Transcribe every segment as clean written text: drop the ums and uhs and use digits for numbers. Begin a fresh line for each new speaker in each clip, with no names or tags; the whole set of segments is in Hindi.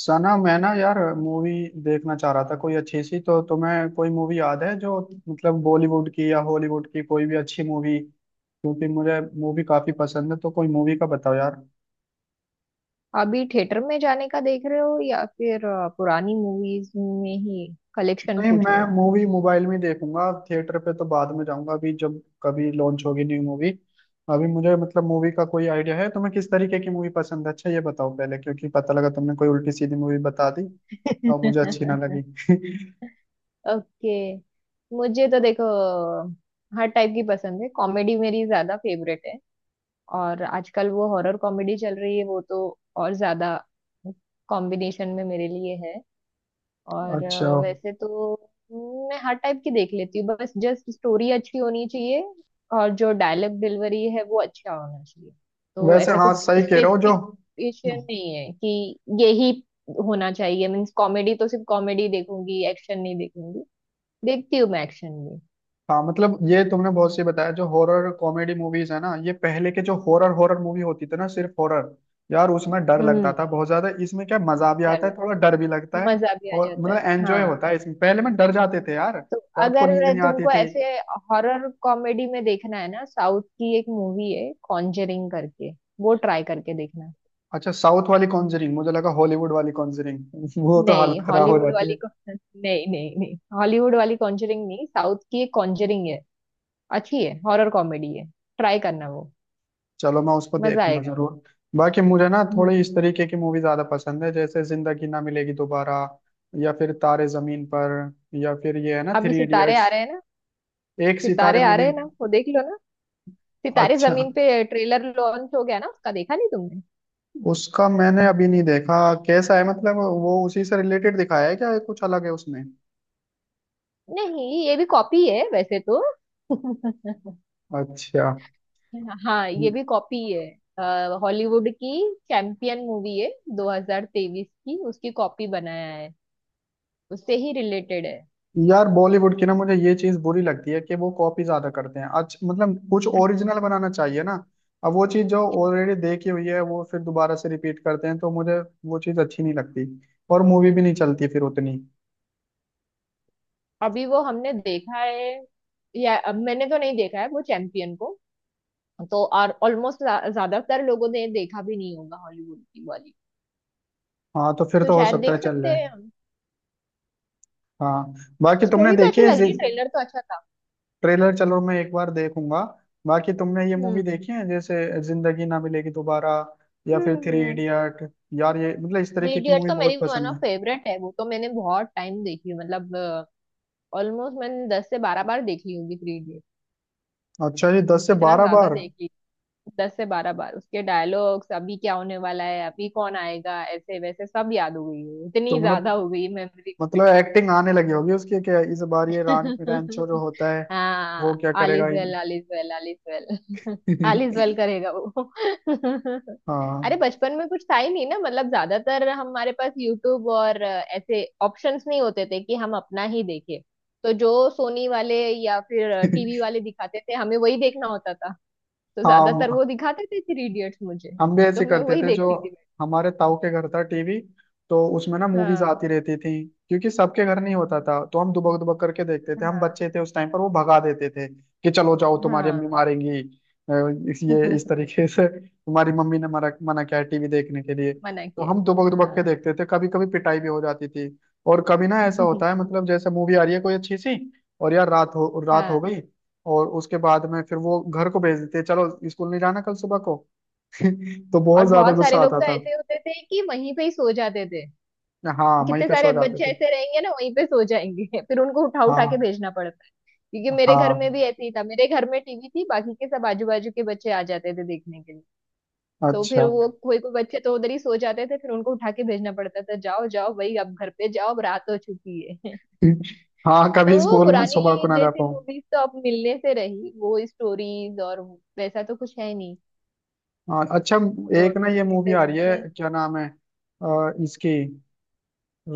सना, मैं ना यार मूवी देखना चाह रहा था कोई अच्छी सी। तो तुम्हें कोई मूवी याद है जो मतलब बॉलीवुड की या हॉलीवुड की, कोई भी अच्छी मूवी? क्योंकि मुझे मूवी काफी पसंद है तो कोई मूवी का बताओ यार।
अभी थिएटर में जाने का देख रहे हो या फिर पुरानी मूवीज में ही कलेक्शन
नहीं,
पूछ
मैं
रहे हो।
मूवी मोबाइल में ही देखूंगा। थिएटर पे तो बाद में जाऊंगा, अभी जब कभी लॉन्च होगी न्यू मूवी। अभी मुझे मतलब मूवी का कोई आइडिया है, तुम्हें किस तरीके की मूवी पसंद है अच्छा ये बताओ पहले, क्योंकि पता लगा तुमने कोई उल्टी सीधी मूवी बता दी और मुझे अच्छी ना लगी।
ओके। मुझे तो देखो, हर टाइप की पसंद है। कॉमेडी मेरी ज्यादा फेवरेट है। और आजकल वो हॉरर कॉमेडी चल रही है, वो तो और ज्यादा कॉम्बिनेशन में मेरे लिए है। और
अच्छा।
वैसे तो मैं हर टाइप की देख लेती हूँ, बस जस्ट स्टोरी अच्छी होनी चाहिए। और जो डायलॉग डिलीवरी है वो अच्छा होना चाहिए। तो
वैसे
ऐसा
हाँ
कुछ
सही कह रहे हो जो।
स्पेसिफिकेशन नहीं है कि यही होना चाहिए मीन्स कॉमेडी तो सिर्फ कॉमेडी देखूंगी, एक्शन नहीं देखूंगी। देखती हूँ मैं एक्शन भी।
हाँ, मतलब ये तुमने बहुत सही बताया, जो हॉरर कॉमेडी मूवीज है ना, ये पहले के जो हॉरर हॉरर मूवी होती थी ना सिर्फ हॉरर, यार उसमें डर लगता
हम्म।
था बहुत ज्यादा। इसमें क्या मजा भी आता
चल,
है, थोड़ा डर भी लगता है
मजा भी आ
और
जाता
मतलब
है,
एंजॉय
हाँ।
होता है। इसमें पहले में डर जाते थे यार,
तो
रात को नींद
अगर
नहीं आती
तुमको
थी।
ऐसे हॉरर कॉमेडी में देखना है ना, साउथ की एक मूवी है कॉन्जरिंग करके, वो ट्राई करके देखना।
अच्छा, साउथ वाली कॉन्जरिंग? मुझे लगा हॉलीवुड वाली कॉन्जरिंग। वो तो हालत
नहीं,
खराब हो
हॉलीवुड
जाती
वाली
है।
को नहीं, नहीं नहीं, हॉलीवुड वाली कॉन्जरिंग नहीं, साउथ की एक कॉन्जरिंग है। अच्छी है, हॉरर कॉमेडी है। ट्राई करना वो,
चलो, मैं उसको
मजा
देखूंगा
आएगा।
जरूर। बाकी मुझे ना
हम्म।
थोड़ी इस तरीके की मूवी ज्यादा पसंद है, जैसे जिंदगी ना मिलेगी दोबारा, या फिर तारे जमीन पर, या फिर ये है ना
अभी
थ्री
सितारे आ
इडियट्स।
रहे हैं ना।
एक सितारे
सितारे आ रहे
मूवी?
हैं ना, वो देख लो ना, सितारे
अच्छा।
जमीन पे। ट्रेलर लॉन्च हो गया ना उसका, देखा नहीं तुमने?
उसका मैंने अभी नहीं देखा। कैसा है मतलब, वो उसी से रिलेटेड दिखाया है क्या या कुछ अलग है उसमें?
नहीं, ये भी कॉपी है वैसे तो।
अच्छा।
हाँ, ये भी कॉपी है, हॉलीवुड की चैंपियन मूवी है 2023 की, उसकी कॉपी बनाया है, उससे ही रिलेटेड है।
यार बॉलीवुड की ना मुझे ये चीज बुरी लगती है कि वो कॉपी ज्यादा करते हैं। अच्छा मतलब कुछ ओरिजिनल बनाना चाहिए ना। अब वो चीज जो ऑलरेडी देखी हुई है वो फिर दोबारा से रिपीट करते हैं, तो मुझे वो चीज अच्छी नहीं लगती, और मूवी भी नहीं चलती फिर उतनी।
अभी वो हमने देखा है, या अब मैंने तो नहीं देखा है वो चैंपियन को। तो और ऑलमोस्ट ज्यादातर लोगों ने देखा भी नहीं होगा हॉलीवुड की वाली,
हाँ तो फिर
तो
तो हो
शायद
सकता है
देख
चल
सकते
जाए।
हैं हम।
हाँ, बाकी तुमने
स्टोरी तो
देखी
अच्छी
है?
लग रही है, ट्रेलर तो अच्छा था।
ट्रेलर चलो मैं एक बार देखूंगा। बाकी तुमने ये मूवी
हम्म,
देखी है जैसे जिंदगी ना मिलेगी दोबारा, या फिर
हम्म,
थ्री
हम्म।
इडियट? यार ये मतलब इस
थ्री
तरीके की
इडियट
मूवी
तो मेरी
बहुत
वन
पसंद
ऑफ
है।
फेवरेट है, वो तो मैंने बहुत टाइम देखी है, मतलब ऑलमोस्ट मैंने 10 से 12 बार देखी होगी थ्री इडियट।
अच्छा, ये दस से
इतना
बारह
ज्यादा
बार
देखी, 10 से 12 बार। उसके डायलॉग्स, अभी क्या होने वाला है, अभी कौन आएगा, ऐसे वैसे सब याद हो गई है, इतनी
तुमने
ज्यादा हो गई मेमोरी।
मतलब एक्टिंग आने लगी होगी उसकी क्या इस बार? ये रान रैंचो जो होता है, वो
हाँ,
क्या
ऑल
करेगा
is
in?
Well, all is well, all is well, all is well. करेगा वो।
हाँ।
अरे बचपन में कुछ था ही नहीं ना, मतलब ज्यादातर हमारे पास यूट्यूब और ऐसे ऑप्शंस नहीं होते थे कि हम अपना ही देखें। तो जो सोनी वाले या फिर टीवी वाले दिखाते थे हमें वही देखना होता था। तो ज्यादातर
हाँ,
वो दिखाते थे थ्री इडियट्स मुझे।
हम भी
तो
ऐसे
मैं
करते
वही
थे जो,
देखती थी मैं।
हमारे ताऊ के घर था टीवी, तो उसमें ना मूवीज
हाँ,
आती रहती थी। क्योंकि सबके घर नहीं होता था तो हम दुबक दुबक करके देखते थे। हम
हाँ,
बच्चे थे उस टाइम पर, वो भगा देते थे कि चलो जाओ तुम्हारी
हाँ।
अम्मी मारेंगी, इस ये इस तरीके से तुम्हारी मम्मी ने मना मना किया है टीवी देखने के लिए।
मना
तो
किया
हम
है।
दुबक दुबक के
हाँ।
देखते थे, कभी कभी पिटाई भी हो जाती थी। और कभी ना ऐसा होता है मतलब जैसे मूवी आ रही है कोई अच्छी सी, और यार रात हो
हाँ,
गई, और उसके बाद में फिर वो घर को भेज देते, चलो स्कूल नहीं जाना कल सुबह को, तो
और
बहुत ज्यादा
बहुत
गुस्सा
सारे लोग
आता
तो
था।
ऐसे होते थे कि वहीं पे ही सो जाते थे।
हाँ, वहीं
कितने
पे
सारे
सो जाते
बच्चे
थे।
ऐसे रहेंगे ना, वहीं पे सो जाएंगे। फिर उनको उठा उठा के
हाँ
भेजना पड़ता है। क्योंकि मेरे घर में भी
हाँ।
ऐसे ही था, मेरे घर में टीवी थी, बाकी के सब आजू बाजू के बच्चे आ जाते थे देखने के लिए। तो फिर
अच्छा।
वो कोई कोई बच्चे तो उधर ही सो जाते थे, फिर उनको उठा के भेजना पड़ता था, जाओ जाओ भाई अब घर पे जाओ, अब रात हो चुकी है।
हाँ
तो
कभी
वो
स्कूल में सुबह
पुरानी
को ना जा
जैसी
पाऊँ।
मूवीज तो अब मिलने से रही, वो स्टोरीज और वैसा तो कुछ है नहीं।
हाँ, अच्छा।
तो
एक
अब
ना ये मूवी आ
लेटेस्ट
रही है,
में।
क्या नाम है इसकी,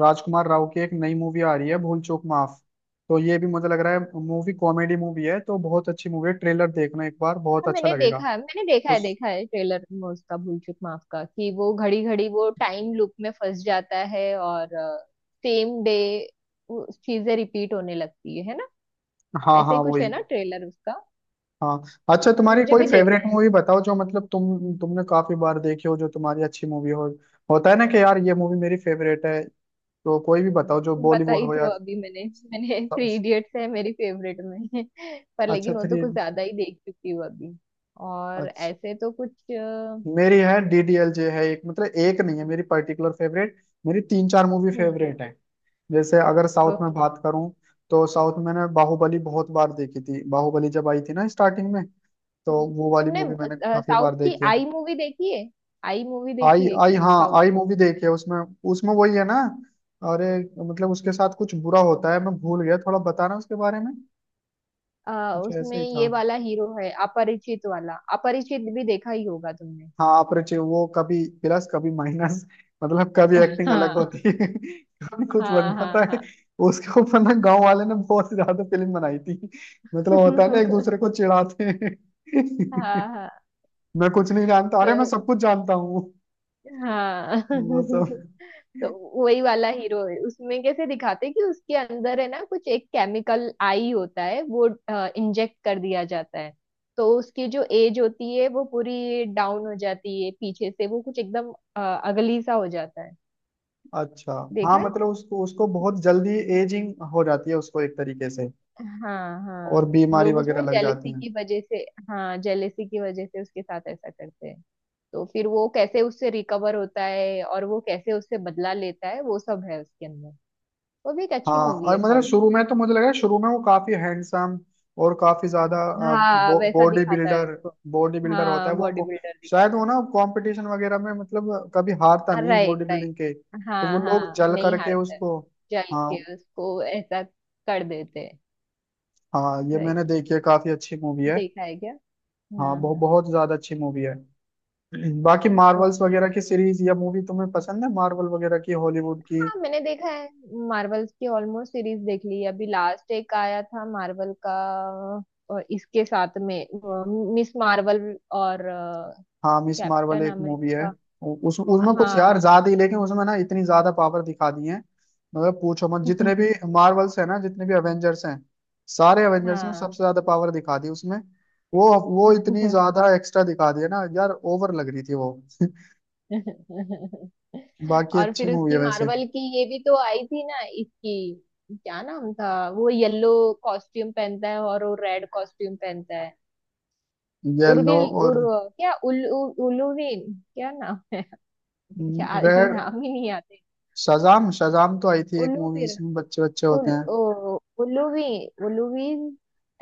राजकुमार राव की एक नई मूवी आ रही है भूल चूक माफ। तो ये भी मुझे लग रहा है मूवी, कॉमेडी मूवी है तो बहुत अच्छी मूवी है। ट्रेलर देखना एक बार, बहुत
हाँ,
अच्छा
मैंने
लगेगा।
देखा है, मैंने देखा है,
उस
देखा है। ट्रेलर में उसका भूल चूक माफ का, कि वो घड़ी घड़ी वो टाइम लूप में फंस जाता है और सेम डे चीजें रिपीट होने लगती है ना?
हाँ
ऐसे
हाँ
ही कुछ
वही।
है ना ट्रेलर उसका।
हाँ, अच्छा, तुम्हारी
मुझे
कोई
भी
फेवरेट
देखना है।
मूवी बताओ जो मतलब तुमने काफी बार देखी हो, जो तुम्हारी अच्छी मूवी हो। होता है ना कि यार ये मूवी मेरी फेवरेट है। तो कोई भी बताओ जो
तुम
बॉलीवुड
बताई
हो या।
तो अभी मैंने मैंने थ्री इडियट्स है मेरी फेवरेट में। पर
अच्छा
लेकिन वो तो
थ्री।
कुछ ज्यादा ही देख चुकी हूँ अभी। और
अच्छा,
ऐसे तो कुछ
मेरी है डीडीएलजे है एक, मतलब एक नहीं है मेरी पर्टिकुलर फेवरेट, मेरी तीन चार मूवी
हम्म।
फेवरेट है। जैसे अगर साउथ में
ओके।
बात करूं, तो साउथ में मैंने बाहुबली बहुत बार देखी थी। बाहुबली जब आई थी ना स्टार्टिंग में, तो वो वाली
तुमने
मूवी मैंने काफी
साउथ
बार
की
देखी है।
आई मूवी देखी है? आई मूवी
आई
देखी है
आई, हाँ
क्या?
आई मूवी देखी है उसमें। उसमें वही है ना, अरे, मतलब उसके साथ कुछ बुरा होता है, मैं भूल गया थोड़ा बताना उसके बारे में। कुछ
उसमें
ऐसे ही था।
ये वाला हीरो है अपरिचित वाला, अपरिचित भी देखा ही होगा तुमने।
हाँ, अपरिचय, वो कभी प्लस कभी माइनस, मतलब कभी एक्टिंग अलग
हाँ,
होती है, कभी कुछ बन
हाँ, हाँ,
जाता है।
हाँ।
उसके ऊपर ना गांव वाले ने बहुत ज्यादा फिल्म बनाई थी। मतलब होता है ना, एक दूसरे को चिढ़ाते हैं।
हाँ, हाँ।
मैं कुछ नहीं जानता, अरे मैं
तो
सब कुछ जानता हूँ।
हाँ।
वो सब।
तो वही वाला हीरो है उसमें, कैसे दिखाते हैं कि उसके अंदर है ना कुछ एक केमिकल आई होता है, वो इंजेक्ट कर दिया जाता है। तो उसकी जो एज होती है वो पूरी डाउन हो जाती है पीछे से, वो कुछ एकदम अगली सा हो जाता है।
अच्छा। हाँ
देखा है?
मतलब उसको उसको बहुत जल्दी एजिंग हो जाती है उसको एक तरीके से,
हाँ,
और
हाँ,
बीमारी
लोग
वगैरह
उसमें
लग जाती
जेलेसी
है।
की वजह से, हाँ, जेलेसी की वजह से उसके साथ ऐसा करते हैं। तो फिर वो कैसे उससे रिकवर होता है और वो कैसे उससे बदला लेता है वो सब है उसके अंदर। वो भी एक अच्छी
हाँ,
मूवी
और
है
मतलब
साउथ
शुरू में तो मुझे लगा, शुरू में वो काफी हैंडसम और काफी ज्यादा
की। हाँ, वैसा
बॉडी
दिखाता है
बिल्डर,
उसको।
बॉडी बिल्डर होता
हाँ,
है वो
बॉडी बिल्डर
शायद
दिखाता
वो ना कंपटीशन वगैरह में मतलब कभी हारता
है।
नहीं बॉडी
राइट, राइट।
बिल्डिंग के, तो वो
हाँ,
लोग
हाँ,
जल
नहीं
करके
हारता है।
उसको।
जल
हाँ
के उसको ऐसा कर देते हैं।
हाँ, ये मैंने
राइट।
देखी है, काफी अच्छी मूवी है।
देखा है क्या?
हाँ,
हाँ,
बहुत
हाँ।
बहुत ज्यादा अच्छी मूवी है। बाकी मार्वल्स
ओके।
वगैरह की सीरीज या मूवी तुम्हें पसंद है? मार्वल वगैरह की, हॉलीवुड की?
हाँ, मैंने देखा है। मार्वल्स की ऑलमोस्ट सीरीज देख ली है। अभी लास्ट एक आया था मार्वल का, और इसके साथ में मिस मार्वल, और
हाँ, मिस मार्वल
कैप्टन
एक मूवी है।
अमेरिका।
उ- उस उसमें कुछ यार
हाँ।
ज्यादा ही, लेकिन उसमें ना इतनी ज्यादा पावर दिखा दी है मतलब पूछो मत। जितने भी मार्वल्स है ना, जितने भी एवेंजर्स हैं, सारे एवेंजर्स में
हाँ।
सबसे ज्यादा पावर दिखा दी उसमें। वो वो इतनी ज्यादा एक्स्ट्रा दिखा दी है ना यार, ओवर लग रही थी वो। बाकी
और
अच्छी
फिर
मूवी
उसकी
है वैसे।
मार्वल की ये भी तो आई थी ना इसकी, क्या नाम था वो, येलो कॉस्ट्यूम पहनता है और वो रेड कॉस्ट्यूम पहनता है।
येलो
उर्विल
और
उर, क्या उल, उल, उलुविन, क्या नाम है? यार ये
रेड।
नाम ही नहीं आते।
शजाम शजाम तो आई थी एक
उल्लू
मूवी,
भी,
इसमें बच्चे बच्चे
उल,
होते हैं।
ओ, उल्लू भी, उल्लू भी,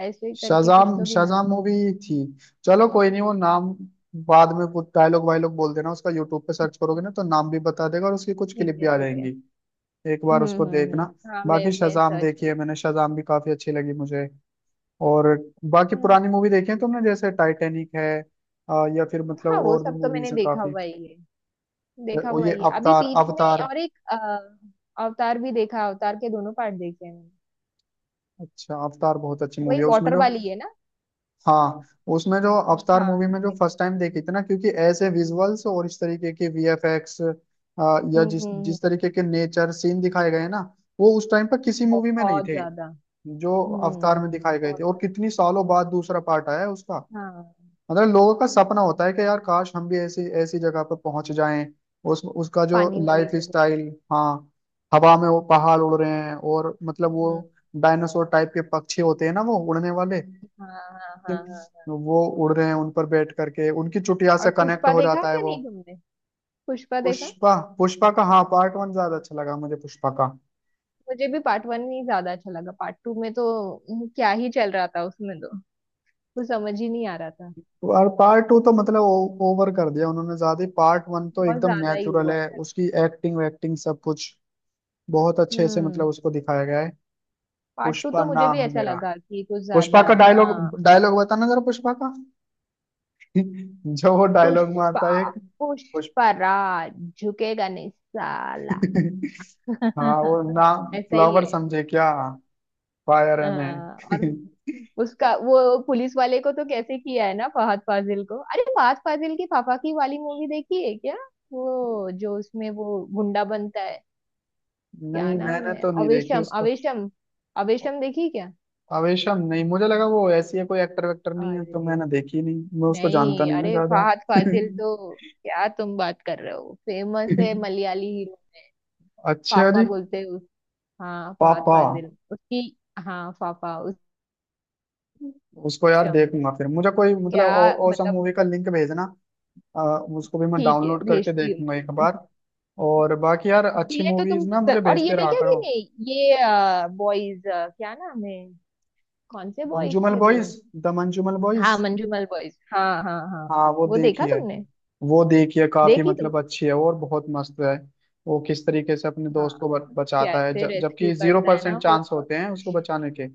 ऐसे ही करके
शाजाम
कुछ तो भी नाम।
शाजाम मूवी थी। चलो कोई नहीं, वो नाम बाद में वो डायलॉग वायलॉग बोल देना उसका, यूट्यूब पे सर्च करोगे ना तो नाम भी बता देगा और उसकी कुछ क्लिप
ठीक
भी
है,
आ
ठीक है।
जाएंगी। एक बार
हम्म,
उसको
हम्म,
देखना।
हम्म, हाँ। मैं
बाकी
मैं
शाजाम
सर्च
देखी
कर।
है मैंने, शाजाम भी काफी अच्छी लगी मुझे। और बाकी पुरानी
हाँ,
मूवी देखी है तुमने जैसे टाइटैनिक है, या फिर मतलब
हाँ, वो
और भी
सब तो मैंने
मूवीज हैं
देखा
काफी।
हुआ ही है, देखा
और
हुआ
ये
ही है। अभी
अवतार
बीच में
अवतार
और एक अवतार भी देखा, अवतार के दोनों पार्ट देखे हैं मैंने।
अच्छा, अवतार बहुत अच्छी
वही
मूवी है, उसमें
वाटर
जो,
वाली है ना?
हाँ, उसमें जो अवतार
हाँ,
मूवी में जो फर्स्ट टाइम देखी थी ना, क्योंकि ऐसे विजुअल्स और इस तरीके के वीएफएक्स या
हम्म, हम्म,
जिस जिस तरीके के नेचर सीन दिखाए गए हैं ना, वो उस टाइम पर किसी मूवी में नहीं
बहुत
थे
ज्यादा।
जो अवतार
हम्म,
में दिखाए गए
बहुत
थे। और
ज्यादा।
कितनी सालों बाद दूसरा पार्ट आया है उसका।
हाँ,
मतलब लोगों का सपना होता है कि यार काश हम भी ऐसी ऐसी जगह पर पहुंच जाएं। उस उसका जो
पानी वाली
लाइफ
जगह।
स्टाइल, हाँ, हवा में वो पहाड़ उड़ रहे हैं, और मतलब
हम्म,
वो डायनासोर टाइप के पक्षी होते हैं ना वो उड़ने वाले,
हाँ, हाँ, हाँ, हाँ, हाँ।
तो वो उड़ रहे हैं, उन पर बैठ करके उनकी चुटिया
और
से कनेक्ट
पुष्पा
हो
देखा
जाता है
क्या,
वो।
नहीं तुमने? पुष्पा देखा।
पुष्पा पुष्पा का हाँ, पार्ट वन ज्यादा अच्छा लगा मुझे पुष्पा का।
मुझे भी पार्ट वन ही ज्यादा अच्छा लगा, पार्ट टू में तो क्या ही चल रहा था उसमें तो, कुछ समझ ही नहीं आ रहा था।
और पार्ट टू तो मतलब ओवर कर दिया उन्होंने ज्यादा ही। पार्ट वन तो
बहुत
एकदम
ज्यादा ही
नेचुरल
हुआ
है,
था।
उसकी एक्टिंग वैक्टिंग सब कुछ बहुत अच्छे से
हम्म,
मतलब उसको दिखाया गया है।
पार्ट टू
पुष्पा
तो मुझे भी
नाम है
ऐसा
मेरा,
लगा कि कुछ
पुष्पा
ज्यादा।
का
हाँ।
डायलॉग, डायलॉग बताना जरा पुष्पा का। जो वो डायलॉग
पुष्पा,
मारता है एक, पुष्प।
पुष्पा राज। झुकेगा नहीं साला।
हाँ वो, नाम
ऐसा ही
फ्लावर
है।
समझे क्या, फायर है
हाँ, और
मैं।
उसका वो, पुलिस वाले को तो कैसे किया है ना, फहद फाजिल को। अरे फहद फाजिल की फाफाकी वाली मूवी देखी है क्या, वो जो उसमें वो गुंडा बनता है? क्या
नहीं,
नाम
मैंने
है,
तो नहीं देखी
अवेशम,
उसको।
अवेशम। अवेशम देखी क्या?
आवेशम, नहीं मुझे लगा वो ऐसी है, कोई एक्टर वेक्टर नहीं है तो
अरे
मैंने देखी नहीं, मैं उसको जानता
नहीं,
नहीं ना
अरे
ज्यादा।
फहद फाजिल तो, क्या तुम बात कर रहे हो, फेमस है मलयाली हीरो।
अच्छा
फाफा
जी।
बोलते हैं उस, हाँ फहद
पापा,
फाजिल, उसकी। हाँ, फाफा।
उसको यार
उसम,
देखूंगा फिर। मुझे कोई मतलब
क्या
औसम
मतलब।
मूवी का लिंक भेजना। अ, उसको भी मैं
ठीक है,
डाउनलोड करके
भेजती हूँ।
देखूंगा एक बार। और बाकी यार
कि
अच्छी
ये तो तुम,
मूवीज ना मुझे
और ये
भेजते रहा
देखा कि
करो।
नहीं, ये बॉयज, क्या नाम है, कौन से बॉयज
मंजूमल
थे वो?
बॉयज, द मंजूमल
हाँ,
बॉयज।
मंजूमल बॉयज, हाँ, हाँ, हाँ।
हाँ वो
वो
देखी
देखा
है,
तुमने?
वो देखी है, काफी
देखी
मतलब
तुमने?
अच्छी है और बहुत मस्त है। वो किस तरीके से अपने
हाँ,
दोस्त को बचाता है,
कैसे रेस्क्यू
जबकि जीरो
करता है ना
परसेंट
वो।
चांस होते हैं उसको बचाने के,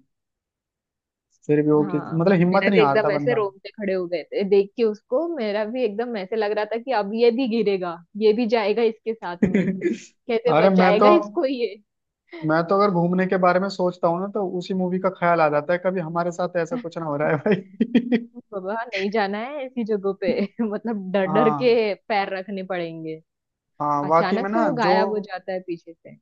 फिर भी वो किस
हाँ।
मतलब हिम्मत
मेरा
नहीं
भी
हारता
एकदम ऐसे
बंदा।
रोंगटे खड़े हो गए थे देख के उसको, मेरा भी एकदम ऐसे लग रहा था कि अब ये भी गिरेगा, ये भी जाएगा इसके साथ में, कैसे
अरे
बचाएगा इसको ये।
मैं तो अगर घूमने के बारे में सोचता हूँ ना तो उसी मूवी का ख्याल आ जाता है, कभी हमारे साथ ऐसा कुछ ना हो रहा है भाई।
बाबा, नहीं जाना है ऐसी जगहों पे। मतलब डर डर के
हाँ।
पैर रखने पड़ेंगे।
हाँ वाकई में
अचानक से
ना,
वो
जो
गायब हो जाता है पीछे से।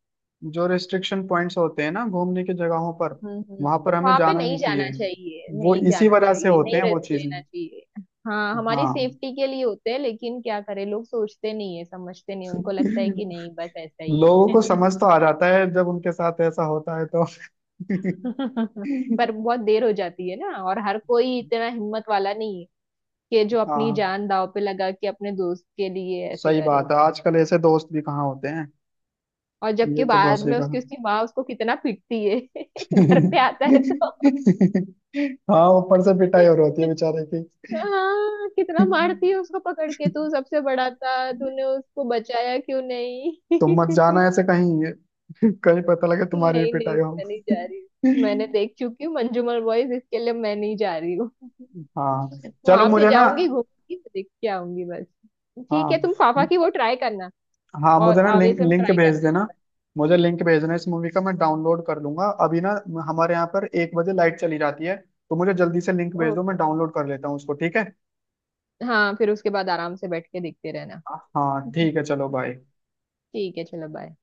जो रेस्ट्रिक्शन पॉइंट्स होते हैं ना घूमने की जगहों पर,
हम्म,
वहां पर हमें
वहां पे
जाना
नहीं
नहीं चाहिए,
जाना चाहिए,
वो
नहीं
इसी
जाना
वजह से
चाहिए,
होते
नहीं
हैं वो
रिस्क
चीजें।
लेना चाहिए। हाँ, हमारी
हाँ।
सेफ्टी के लिए होते हैं, लेकिन क्या करें, लोग सोचते नहीं है, समझते नहीं, उनको लगता है कि नहीं
लोगों
बस ऐसा ही है।
को समझ तो आ जाता है जब उनके साथ ऐसा होता है तो।
पर बहुत देर हो जाती है ना, और हर कोई इतना हिम्मत वाला नहीं है कि जो अपनी
हाँ,
जान दांव पे लगा के अपने दोस्त के लिए ऐसे
सही
करे।
बात है, आजकल ऐसे दोस्त भी कहाँ होते हैं।
और जबकि
ये तो बहुत
बाद
सही
में
कहा।
उसकी उसकी माँ उसको कितना पीटती है, घर पे आता है तो।
हाँ, ऊपर से पिटाई और होती है बेचारे की।
हाँ, कितना मारती है उसको पकड़ के, तू सबसे बड़ा था तूने उसको बचाया क्यों नहीं?
तुम मत जाना ऐसे कहीं। कहीं पता लगे तुम्हारी भी
नहीं नहीं,
पिटाई हो।
मैं नहीं जा रही हूँ, मैंने देख चुकी हूँ मंजूमल बॉयज, इसके लिए मैं नहीं जा रही हूँ।
हाँ, चलो
वहां पे
मुझे ना,
जाऊंगी, घूमूंगी, देख के आऊंगी बस। ठीक है,
हाँ
तुम फाफा की वो ट्राई करना
हाँ,
और
मुझे ना लिंक
आवेसम
लिंक
ट्राई
भेज देना।
करना।
मुझे लिंक भेजना इस मूवी का, मैं डाउनलोड कर लूंगा अभी ना, हमारे यहाँ पर 1 बजे लाइट चली जाती है, तो मुझे जल्दी से लिंक भेज
ओ,
दो, मैं डाउनलोड कर लेता हूँ उसको, ठीक है।
हाँ, फिर उसके बाद आराम से बैठ के देखते रहना।
हाँ ठीक है, चलो बाय।
ठीक है, चलो बाय।